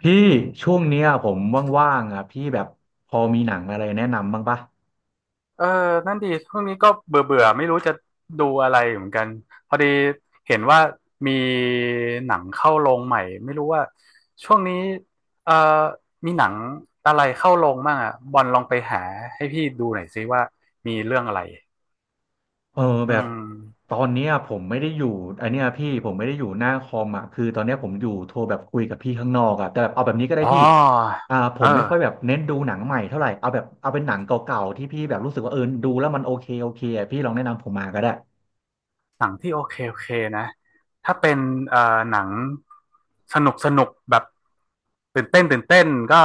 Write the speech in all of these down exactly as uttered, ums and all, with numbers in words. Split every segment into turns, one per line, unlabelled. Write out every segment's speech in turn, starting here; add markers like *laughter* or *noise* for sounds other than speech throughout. พี่ช่วงเนี้ยผมว่างๆอ่ะพี่แบบพอมีหนังอะไรแนะนำบ้างปะ
เออนั่นดีช่วงนี้ก็เบื่อเบื่อไม่รู้จะดูอะไรเหมือนกันพอดีเห็นว่ามีหนังเข้าโรงใหม่ไม่รู้ว่าช่วงนี้เออมีหนังอะไรเข้าโรงบ้างอ่ะบอลลองไปหาให้พี่ดูหน่อยซิว่ามีเรื่องอะไร
เออ
อื
แบบ
ม
ตอนเนี้ยผมไม่ได้อยู่ไอนเนี้ยพี่ผมไม่ได้อยู่หน้าคอมอ่ะคือตอนเนี้ยผมอยู่โทรแบบคุยกับพี่ข้างนอกอ่ะแต่แบบเอาแบบนี้ก็ได้
อ๋
พี่
อ
อ่าผ
เออ
มไม่ค่อยแบบเน้นดูหนังใหม่เท่าไหร่เอาแบบเอาเป็นหนังเก่าๆที่พี่แบบรู้สึกว่าเออดูแล้วมันโอเคโอเคอ่ะพี่ลองแนะนำผมมาก็ได้
หนังที่โอเคโอเคนะ ถ้าเป็นเอ่อหนังสนุกสนุกแบบตื่นเต้นตื่นเต้นก็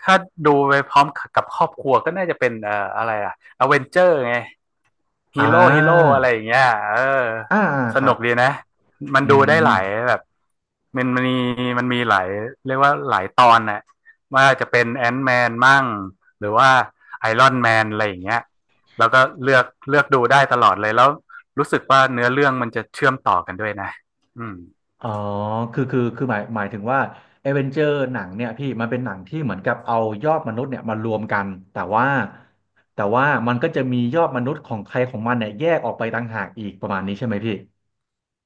ถ้าดูไปพร้อมกับครอบครัวก็น่าจะเป็นเอ่ออะไรอะอเวนเจอร์ไง
อ่
ฮีโร่ฮีโร่
า
อะไรอย่างเงี้ยเออ
อ่า
ส
ครั
นุ
บ
กดีนะ มัน
อื
ดูได้หลาย
ม
แบบมันมันมีมันมีหลายเรียกว่าหลายตอนน่ะว่าจะเป็นแอนท์แมนมั่งหรือว่าไอรอนแมนอะไรอย่างเงี้ยแล้วก็เลือกเลือกดูได้ตลอดเลย แล้วรู้สึกว่าเนื้อเรื่องมันจะเชื่อมต่อกันด้วยนะอืม
อ๋อคือคือคือหมายหมายถึงว่าเอเวนเจอร์หนังเนี่ยพี่มันเป็นหนังที่เหมือนกับเอายอดมนุษย์เนี่ยมารวมกันแต่ว่าแต่ว่ามันก็จะมียอดมนุษย์ของใครของมันเนี่ยแยกออกไปต่างหากอีกประมาณนี้ใช่ไหมพี่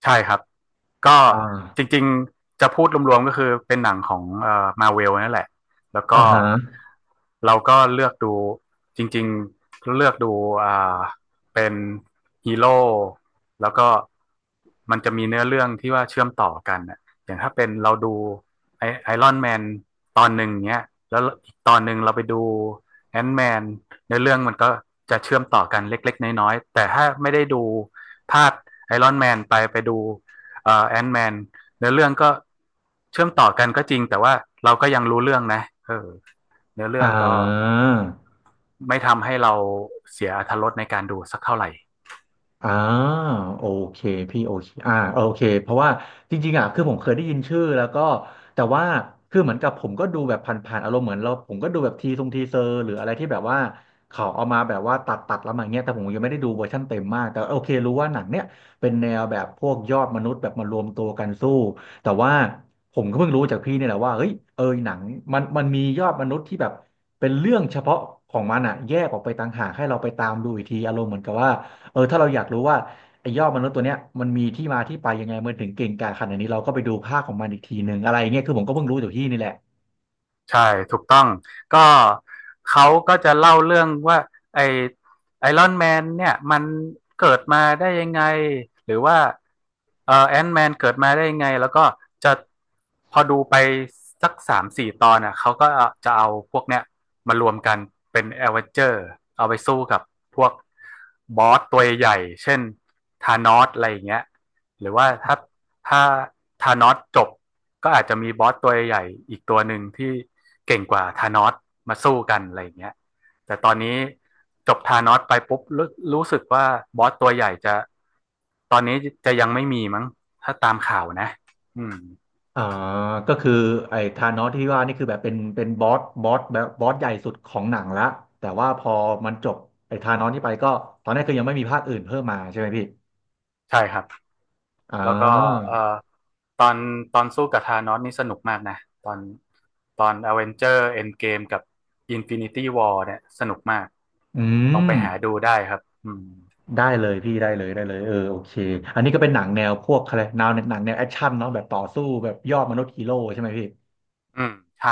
ใช่ครับก็
อ่
จ
า
ริงๆจะพูดรวมๆก็คือเป็นหนังของเอ่อมาเวลนั่นแหละแล้ว
อ่า
ก็
ฮะ
เราก็เลือกดูจริงๆเลือกดูอ่าเป็นฮีโร่แล้วก็มันจะมีเนื้อเรื่องที่ว่าเชื่อมต่อกันน่ะอย่างถ้าเป็นเราดูไอไอรอนแมนตอนหนึ่งเนี้ยแล้วอีกตอนหนึ่งเราไปดูแอนท์แมนเนื้อเรื่องมันก็จะเชื่อมต่อกันเล็กๆน้อยๆแต่ถ้าไม่ได้ดูภาค ไอรอนแมนไปไปดูแอนด์นแมนเนื้อเรื่องก็เชื่อมต่อกันก็จริงแต่ว่าเราก็ยังรู้เรื่องนะเออเนื้อเรื่อ
อ่า
งก็ไม่ทำให้เราเสียอรรถรสในการดูสักเท่าไหร่
อ่าโอเคพี่โอเคอ่าโอเคเพราะว่าจริงๆอ่ะคือผมเคยได้ยินชื่อแล้วก็แต่ว่าคือเหมือนกับผมก็ดูแบบผ่านๆอารมณ์เหมือนเราผมก็ดูแบบทีทรงทีเซอร์หรืออะไรที่แบบว่าเขาเอามาแบบว่าตัดตัดแล้วมาอย่างเงี้ยแต่ผมยังไม่ได้ดูเวอร์ชั่นเต็มมากแต่โอเครู้ว่าหนังเนี้ยเป็นแนวแบบพวกยอดมนุษย์แบบมารวมตัวกันสู้แต่ว่าผมก็เพิ่งรู้จากพี่เนี่ยแหละว่าเฮ้ยเออหนังมันมันมียอดมนุษย์ที่แบบเป็นเรื่องเฉพาะของมันอ่ะแยกออกไปต่างหากให้เราไปตามดูอีกทีอารมณ์เหมือนกับว่า เออถ้าเราอยากรู้ว่าไอ้ยอดมนุษย์ตัวเนี้ยมันมีที่มาที่ไปยังไงมันถึงเก่งกาจขนาดนี้เราก็ไปดูภาคของมันอีกทีหนึ่งอะไรเงี้ยคือผมก็เพิ่งรู้จากที่นี่แหละ
ใช่ถูกต้องก็เขาก็จะเล่าเรื่องว่าไอไอรอนแมนเนี่ยมันเกิดมาได้ยังไงหรือว่าเอ่อแอนท์แมนเกิดมาได้ยังไงแล้วก็จะพอดูไปสักสามถึงสี่ตอนอ่ะเขาก็จะเอาพวกเนี้ยมารวมกันเป็นแอเวนเจอร์เอาไปสู้กับพวกบอสตัวใหญ่เช่นธานอสอะไรอย่างเงี้ยหรือว่าถ้า ถ้าธานอสจบก็อาจจะมีบอสตัวใหญ่อีกตัวหนึ่งที่เก่งกว่าธานอสมาสู้กันอะไรอย่างเงี้ยแต่ตอนนี้จบธานอสไปปุ๊บรรู้สึกว่าบอสตัวใหญ่จะตอนนี้จะยังไม่มีมั้งถ้าตามข่าวนะอืม
อ่าก็คือไอ้ธานอสที่ว่านี่คือแบบเป็นเป็นบอสบอสแบบบอสใหญ่สุดของหนังละแต่ว่าพอมันจบไอ้ธานอสที่ไปก็ตอนแรกก็ยังไม่มีภาคอื่นเพิ่มมาใช่ไหมพี่
ใช่ครับ
อ่
แล้วก็
า
เอ่อตอนตอนสู้กับธานอสนี่สนุกมากนะตอนตอนอเวนเจอร์เอนเกมกับ Infinity War เนี่ยสนุกมาก
อื
ลองไป
ม
หาดูได้ครับอืม
ได้เลยพี่ได้เลยได้เลยเออโอเคอันนี้ก็เป็นหนังแนวพวกอะไรแนวหนังแนวแอคชั่นเนาะแบบต่อสู้แบบยอดมนุษย์ฮีโร่ใช่ไหมพี่
อืมใช่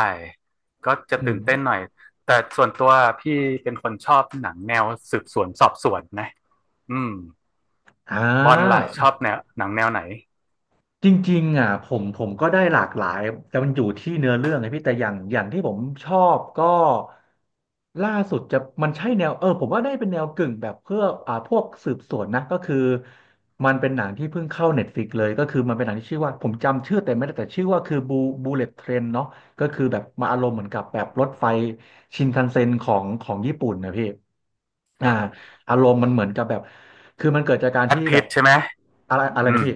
ก็จะ
อื
ตื่
ม
นเต้นหน่อยแต่ส่วนตัวพี่เป็นคนชอบหนังแนวสืบสวนสอบสวนนะอืม
อ่
บอลล่ะชอ
า
บแนวหนังแนวไหน
จริงๆอ่ะผมผมก็ได้หลากหลายแต่มันอยู่ที่เนื้อเรื่องไงพี่แต่อย่างอย่างที่ผมชอบก็ล่าสุดจะมันใช่แนวเออผมว่าได้เป็นแนวกึ่งแบบเพื่ออ่าพวกสืบสวนนะก็คือมันเป็นหนังที่เพิ่งเข้าเน็ตฟลิกเลยก็คือมันเป็นหนังที่ชื่อว่าผมจำชื่อแต่ไม่ได้แต่ชื่อว่าคือบูบูเลตเทรนเนาะก็คือแบบมาอารมณ์เหมือนกับแบบรถไฟชินคันเซ็นของของญี่ปุ่นนะพี่อ่าอารมณ์มันเหมือนกับแบบคือมันเกิดจากการ
แบ
ที่
ท
แบ
พิ
บ
ทใช่ไหม
อะไรอะไร
อื
นะ
ม
พี่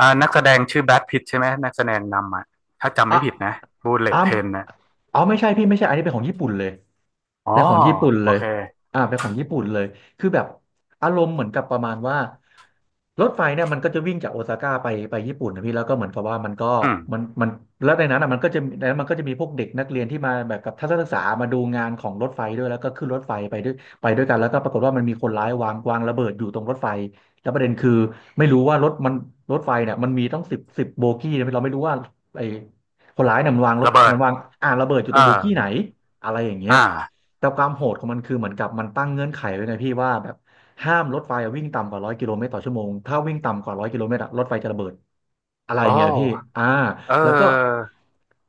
อ่านักแสดงชื่อแบทพิทใช่ไหมนักแสดงนำอ่ะถ้าจำ
อ่ะ
ไม่ผิดนะบูเล
อ้า
ต
ว
เทรนนะ
อ๋อไม่ใช่พี่ไม่ใช่อันนี้เป็นของญี่ปุ่นเลย
อ๋อ
เป็นของญี่ปุ่น
โอ
เลย
เค
อ่าเป็นของญี่ปุ่นเลยคือแบบอารมณ์เหมือนกับประมาณว่ารถไฟเนี่ยมันก็จะวิ่งจากโอซาก้าไปไปญี่ปุ่นนะพี่แล้วก็เหมือนกับว่ามันก็
อืม
มันมันแล้วในนั้นอ่ะมันก็จะในนั้นมันก็จะมีพวกเด็กนักเรียนที่มาแบบกับทัศนศึกษามาดูงานของรถไฟด้วยแล้วก็ขึ้นรถไฟไปด้วยไปด้วยกันแล้วก็ปรากฏว่ามันมีคนร้ายวางวางระเบิดอยู่ตรงรถไฟแล้วประเด็นคือไม่รู้ว่ารถมันรถไฟเนี่ยมันมีต้องสิบสิบโบกี้นะเราไม่รู้ว่าไอ้ คนร้ายเนี่ยมันวางรถ
ระเบิ
มั
ด
นวางอ่าระเบิดอยู่
เอ
ตร
อ
งโบกี้ไหนอะไรอย่างเงี้
อ
ย
่า
แต่ความโหดของมันคือเหมือนกับมันตั้งเงื่อนไขไว้ไงพี่ว่าแบบห้ามรถไฟวิ่งต่ำกว่าร้อยกิโลเมตรต่อชั่วโมงถ้าวิ่งต่ำกว่าร้อยกิโลเมตรอะรถไฟจะระเบิดอะไร
โอ
เงี้ยพี่
้
อ่า
เอ
แล้วก็
อ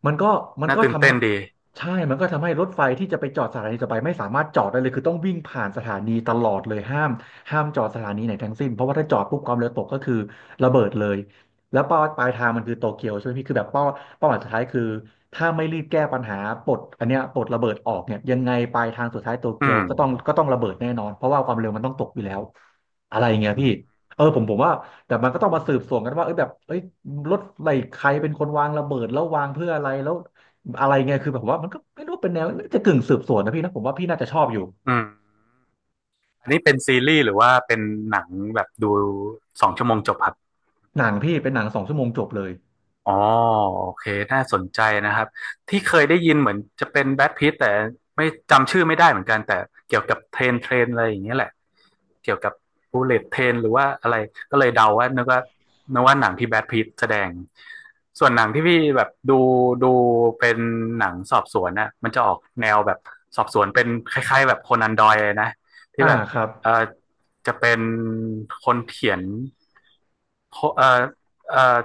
มันก็มัน
น่า
ก็
ตื่น
ทำ
เต้
ให้
นดี
ใช่มันก็ทำให้รถไฟที่จะไปจอดสถานีต่อไปไม่สามารถจอดได้เลยคือต้องวิ่งผ่านสถานีตลอดเลยห้ามห้ามจอดสถานีไหนทั้งสิ้นเพราะว่าถ้าจอดปุ๊บความเร็วตกก็คือระเบิดเลย แล้วเป้าปลายทางมันคือโตเกียวใช่ไหมพี่คือแบบเป้าเป้าหมายสุดท้ายคือถ้าไม่รีบแก้ปัญหาปลดอันเนี้ยปลดระเบิดออกเนี่ยยังไงปลายทางสุดท้ายโต
อื
เกียว
ม
ก็ต้องก็ต้องระเบิดแน่นอนเพราะว่าความเร็วมันต้องตกอยู่แล้วอะไรอย่างเงี้ย
อื
พี่
ม
เออผมผมว่าแต่มันก็ต้องมาสืบสวนกันว่าเอ้ยแบบเอ้ยรถอะไรใครเป็นคนวางระเบิดแล้ววางเพื่ออะไรแล้วอะไรเงี้ยคือแบบผมว่ามันก็ไม่รู้เป็นแนวน่าจะกึ่งสืบสวนนะพี่นะผมว่าพี่น่าจะชอบอยู่
อืมอันนี้เป็นซีรีส์หรือว่าเป็นหนังแบบดูสองชั่วโมงจบครับ
หนังพี่เป็นหนังสองชั่วโมงจบเลย
อ๋อโอเคน่าสนใจนะครับที่เคยได้ยินเหมือนจะเป็นแบทพิทแต่ไม่จำชื่อไม่ได้เหมือนกันแต่เกี่ยวกับเทรนเทรนอะไรอย่างเงี้ยแหละเกี่ยวกับบูเลตเทรนหรือว่าอะไรก็เลยเดาว่านึกว่านึกว่าหนังที่แบทพิทแสดงส่วนหนังที่พี่แบบดูดูเป็นหนังสอบสวนน่ะมันจะออกแนวแบบสอบสวนเป็นคล้ายๆแบบโคนันดอยเลยนะที่
อ่า
แบบ
ครับ
เออจะเป็นคนเขียน คเอ่อเอ่อ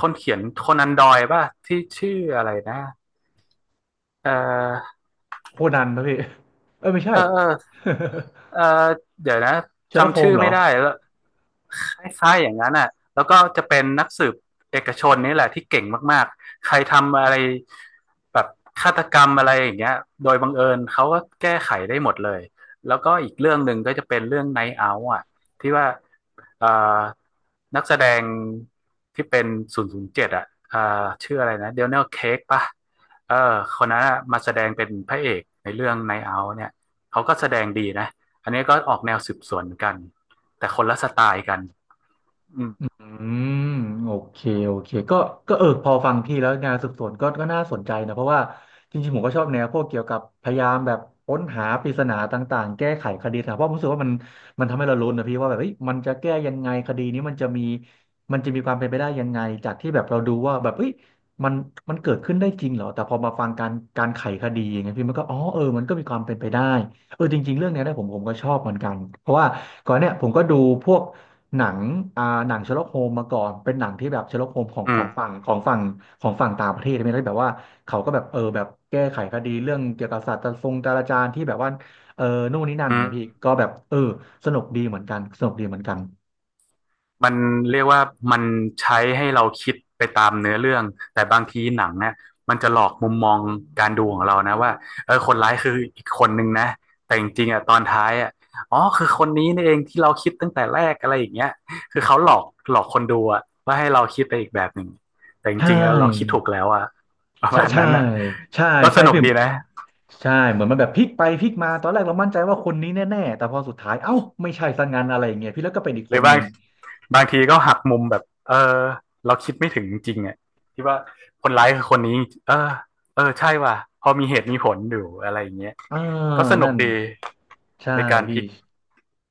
คนเขียนโคนันดอยป่ะที่ชื่ออะไรนะเอ่
โคนันนะพี่เออไม่ใช่
เออเออ
*laughs*
เออเดี๋ยวนะ
เชอร์ล็อกโฮ
จำ
ม
ชื่อ
เหร
ไม่
อ
ได้แล้วคล้ายๆอย่างนั้นอ่ะแล้วก็จะเป็นนักสืบเอกชนนี่แหละที่เก่งมากๆใครทำอะไรแบบฆาตกรรมอะไรอย่างเงี้ยโดยบังเอิญเขาก็แก้ไขได้หมดเลยแล้วก็อีกเรื่องหนึ่งก็จะเป็นเรื่องไนท์เอาท์อ่ะที่ว่าเอ่อนักแสดงที่เป็นศูนย์ศูนย์เจ็ดอ่ะเอ่อชื่ออะไรนะเดน e l ลเค้กป่ะเออคนนั้นอะมาแสดงเป็นพระเอกในเรื่องไนท์เอาท์เนี่ยเขาก็แสดงดีนะ อันนี้ก็ออกแนวสืบสวนกันแต่คนละสไตล์กันอืม
อืมโอเคโอเคก็ก็เออพอฟังพี่แล้วงานสืบสวนก็ก็น่าสนใจนะเพราะว่าจริงๆผมก็ชอบแนวพวกเกี่ยวกับพยายามแบบค้นหาปริศนาต่างๆแก้ไขคดีนะเพราะผมรู้สึกว่ามันมันทำให้เราลุ้นนะพี่ว่าแบบเฮ้ยมันจะแก้ยังไงคดีนี้มันจะมีมันจะมีความเป็นไปได้ยังไงจากที่แบบเราดูว่าแบบเฮ้ยมันมันเกิดขึ้นได้จริงเหรอแต่พอมาฟังการการไขคดีอย่างเงี้ยพี่มันก็อ๋อเออมันก็มีความเป็นไปได้เออจริงๆเรื่องเนี้ยนะผมผมก็ชอบเหมือนกันเพราะว่าก่อนเนี่ยผมก็ดูพวก หนังอ่าหนังเชอร์ล็อกโฮมมาก่อนเป็นหนังที่แบบเชอร์ล็อกโฮมของ
อื
ขอ
ม
งฝั่งของฝั่งของฝั่งต่างประเทศไช่ไหมแล้วแบบว่าเขาก็แบบเออแบบแก้ไขคดีเรื่องเกี่ยวกับศาสตร์ทรงจราจารย์ที่แบบว่าเออนู่นนี่นั่น
อืม
นะพี่ก็แบบเออสนุกดีเหมือนกันสนุกดีเหมือนกัน
มันเรียกว่ามันใช้ให้เราคิดไปตามเนื้อเรื่องแต่บางทีหนังเนี่ยมันจะหลอกมุมมองการดูของเรานะว่าเออคนร้ายคืออีกคนนึงนะแต่จริงๆอ่ะตอนท้ายอ่ะอ๋อคือคนนี้นี่เองที่เราคิดตั้งแต่แรกอะไรอย่างเงี้ยคือเขาหลอกหลอกคนดูอ่ะว่าให้เราคิดไปอีกแบบหนึ่งแต่จ
ใช่
ริงๆแล้วเราคิดถูกแล้วอ่ะประ
ใช่
มาณ
ใช่
นั้นอ่ะ
ใช่
ก็ส
ใช่
นุก
พี่
ดีนะ
ใช่เหมือนมันแบบพลิกไปพลิกมาตอนแรกเรามั่นใจว่าคนนี้แน่ๆแต่พอสุดท้ายเอ้าไม่ใช่ซะงั้นอะไรอย่างเงี้ยพี่แล้วก็เป็นอีก
ห
ค
รือ
น
บา
นึ
ง
ง
บางทีก็หักมุมแบบ เออ เราคิดไม่ถึงจริงๆอ่ะที่ว่าคนร้ายคือคนนี้ เออ เออ ใช่ว่ะพอมีเหตุมีผลอยู่อะไรอย่างเงี้ย
อ่า
ก็สนุ
นั่
ก
น
ดีใน
ใช่
การพลิ
พี่
ก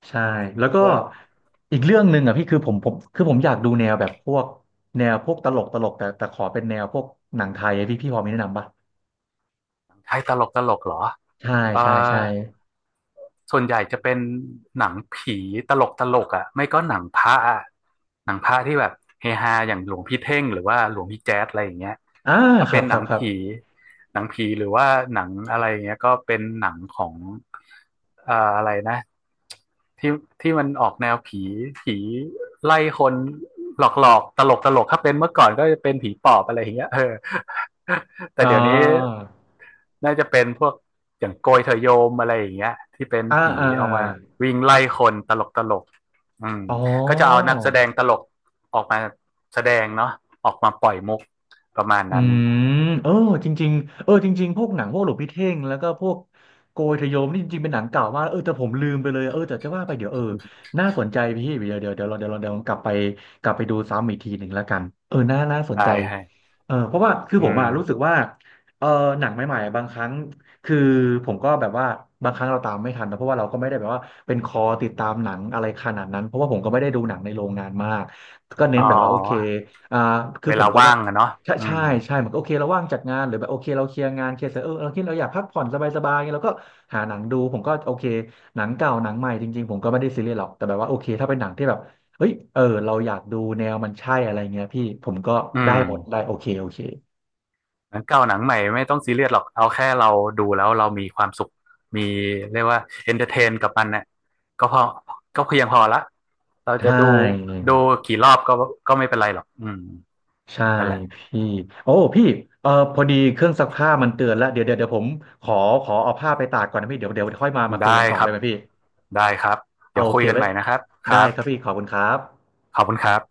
ใช่แล้วก็
แล้ว
อีกเรื่องหนึ่งอ่ะพี่คือผมผมคือผมอยากดูแนวแบบพวกแนวพวกตลกตลกแต่แต่ขอเป็นแนวพวกหนังไทยอะพี่พี่พอมีแนะนำปะ
ใช้ตลกตลกเหรอ
ใช่
เออ
ใช่ใช่
ส่วนใหญ่จะเป็นหนังผีตลกตลกอ่ะไม่ก็หนังพระอะหนังพระที่แบบเฮฮาอย่างหลวงพี่เท่งหรือว่าหลวงพี่แจ๊สอะไรอย่างเงี้ย
อ่า
ถ้า
ครั
เป็
บ
น
ค
หนั
รับ
ง
ครับ
ผีหนังผีหรือว่าหนังอะไรอย่างเงี้ยก็เป็นหนังของเอ่ออะไรนะที่ที่มันออกแนวผีผีไล่คนหลอกหลอกตลกตลกๆถ้าเป็นเมื่อก่อนก็จะเป็นผีปอบอะไรอย่างเงี้ยเออแต่
อ่า
เดี๋ยวนี้ น่าจะเป็นพวกอย่างโกยเถอโยมอะไรอย่างเงี้ยที่เป็น
อ่า
ผี
อ่า
เอา
อา
มาวิ่งไล่คนตลกตลกอืม
อ๋อ
ก็จะเอานักแสดงตลกออกมาแสดงเนาะออกมาปล่อยมุกประมาณ
อื
นั้น
มเออจริงๆเออจริงๆพวกหนังพวกหลวงพี่เท่งแล้วก็พวกโกยทะโยมนี่จริงๆเป็นหนังเก่ามากเออแต่ผมลืมไปเลยเออแต่จะว่าไปเดี๋ยวเออน่าสนใจพี่เดี๋ยวเดี๋ยวเดี๋ยวเราเดี๋ยวเราเดี๋ยวเรากลับไปกลับไปดูซ้ำอีกทีหนึ่งแล้วกันเออน่าน่าสน
ได้
ใจ
ให้
เออเพราะว่าคือ
อื
ผม
ม
อะรู้สึกว่าเออหนังใหม่ๆอะบางครั้งคือผมก็แบบว่าบางครั้งเราตามไม่ทันนะเพราะว่าเราก็ไม่ได้แบบว่าเป็นคอติดตามหนังอะไรขนาดนั้นเพราะว่าผมก็ไม่ได้ดูหนังในโรงงานมากก็เน้
อ๋
น
อ
แบบว่าโอเคอ่าคือ
เว
ผ
ลา
มก็
ว่างอะเนาะ
ใช่
อื
ใช่
ม
ใช่มันก็โอเคเราว่างจากงานหรือแบบโอเคเราเคลียร์งานเคลียร์เสร็จเออเราคิดเราอยากพักผ่อนสบายๆไงเราก็หาหนังดูผมก็โอเคหนังเก่าหนังใหม่จริงๆผมก็ไม่ได้ซีเรียสหรอกแต่แบบว่าโอเคถ้าเป็นหนังที่แบบเฮ้ยเออเราอยากดูแนวมันใช่อะไรเงี้ยพี่ผมก็
อื
ได้
ม
หมดได้โอเคโอเค
หนังเก่าหนังใหม่ไม่ต้องซีเรียสหรอกเอาแค่เราดูแล้วเรามีความสุขมีเรียกว่าเอนเตอร์เทนกับมันเนี่ยก็พอก็เพียงพอละเราจะ
ใช่
ดูดูกี่รอบก็ก็ไม่เป็นไรหรอกอืม
ใช่
นั่นแหละ
พี่โอ้พี่เออพอดีเครื่องซักผ้ามันเตือนแล้วเดี๋ยวเดี๋ยวเดี๋ยวผมขอขอเอาผ้าไปตากก่อนนะพี่เดี๋ยวเดี๋ยวค่อยมามาคุย
ได้
กันต่อ
ค
ได้
รับ
ไหมพี่
ได้ครับ
เอา
เดี๋ยว
โอ
คุ
เค
ยกัน
ไว้
ใหม่นะครับค
ได้
รับ
ครับพี่ขอบคุณครับ
ขอบคุณครับ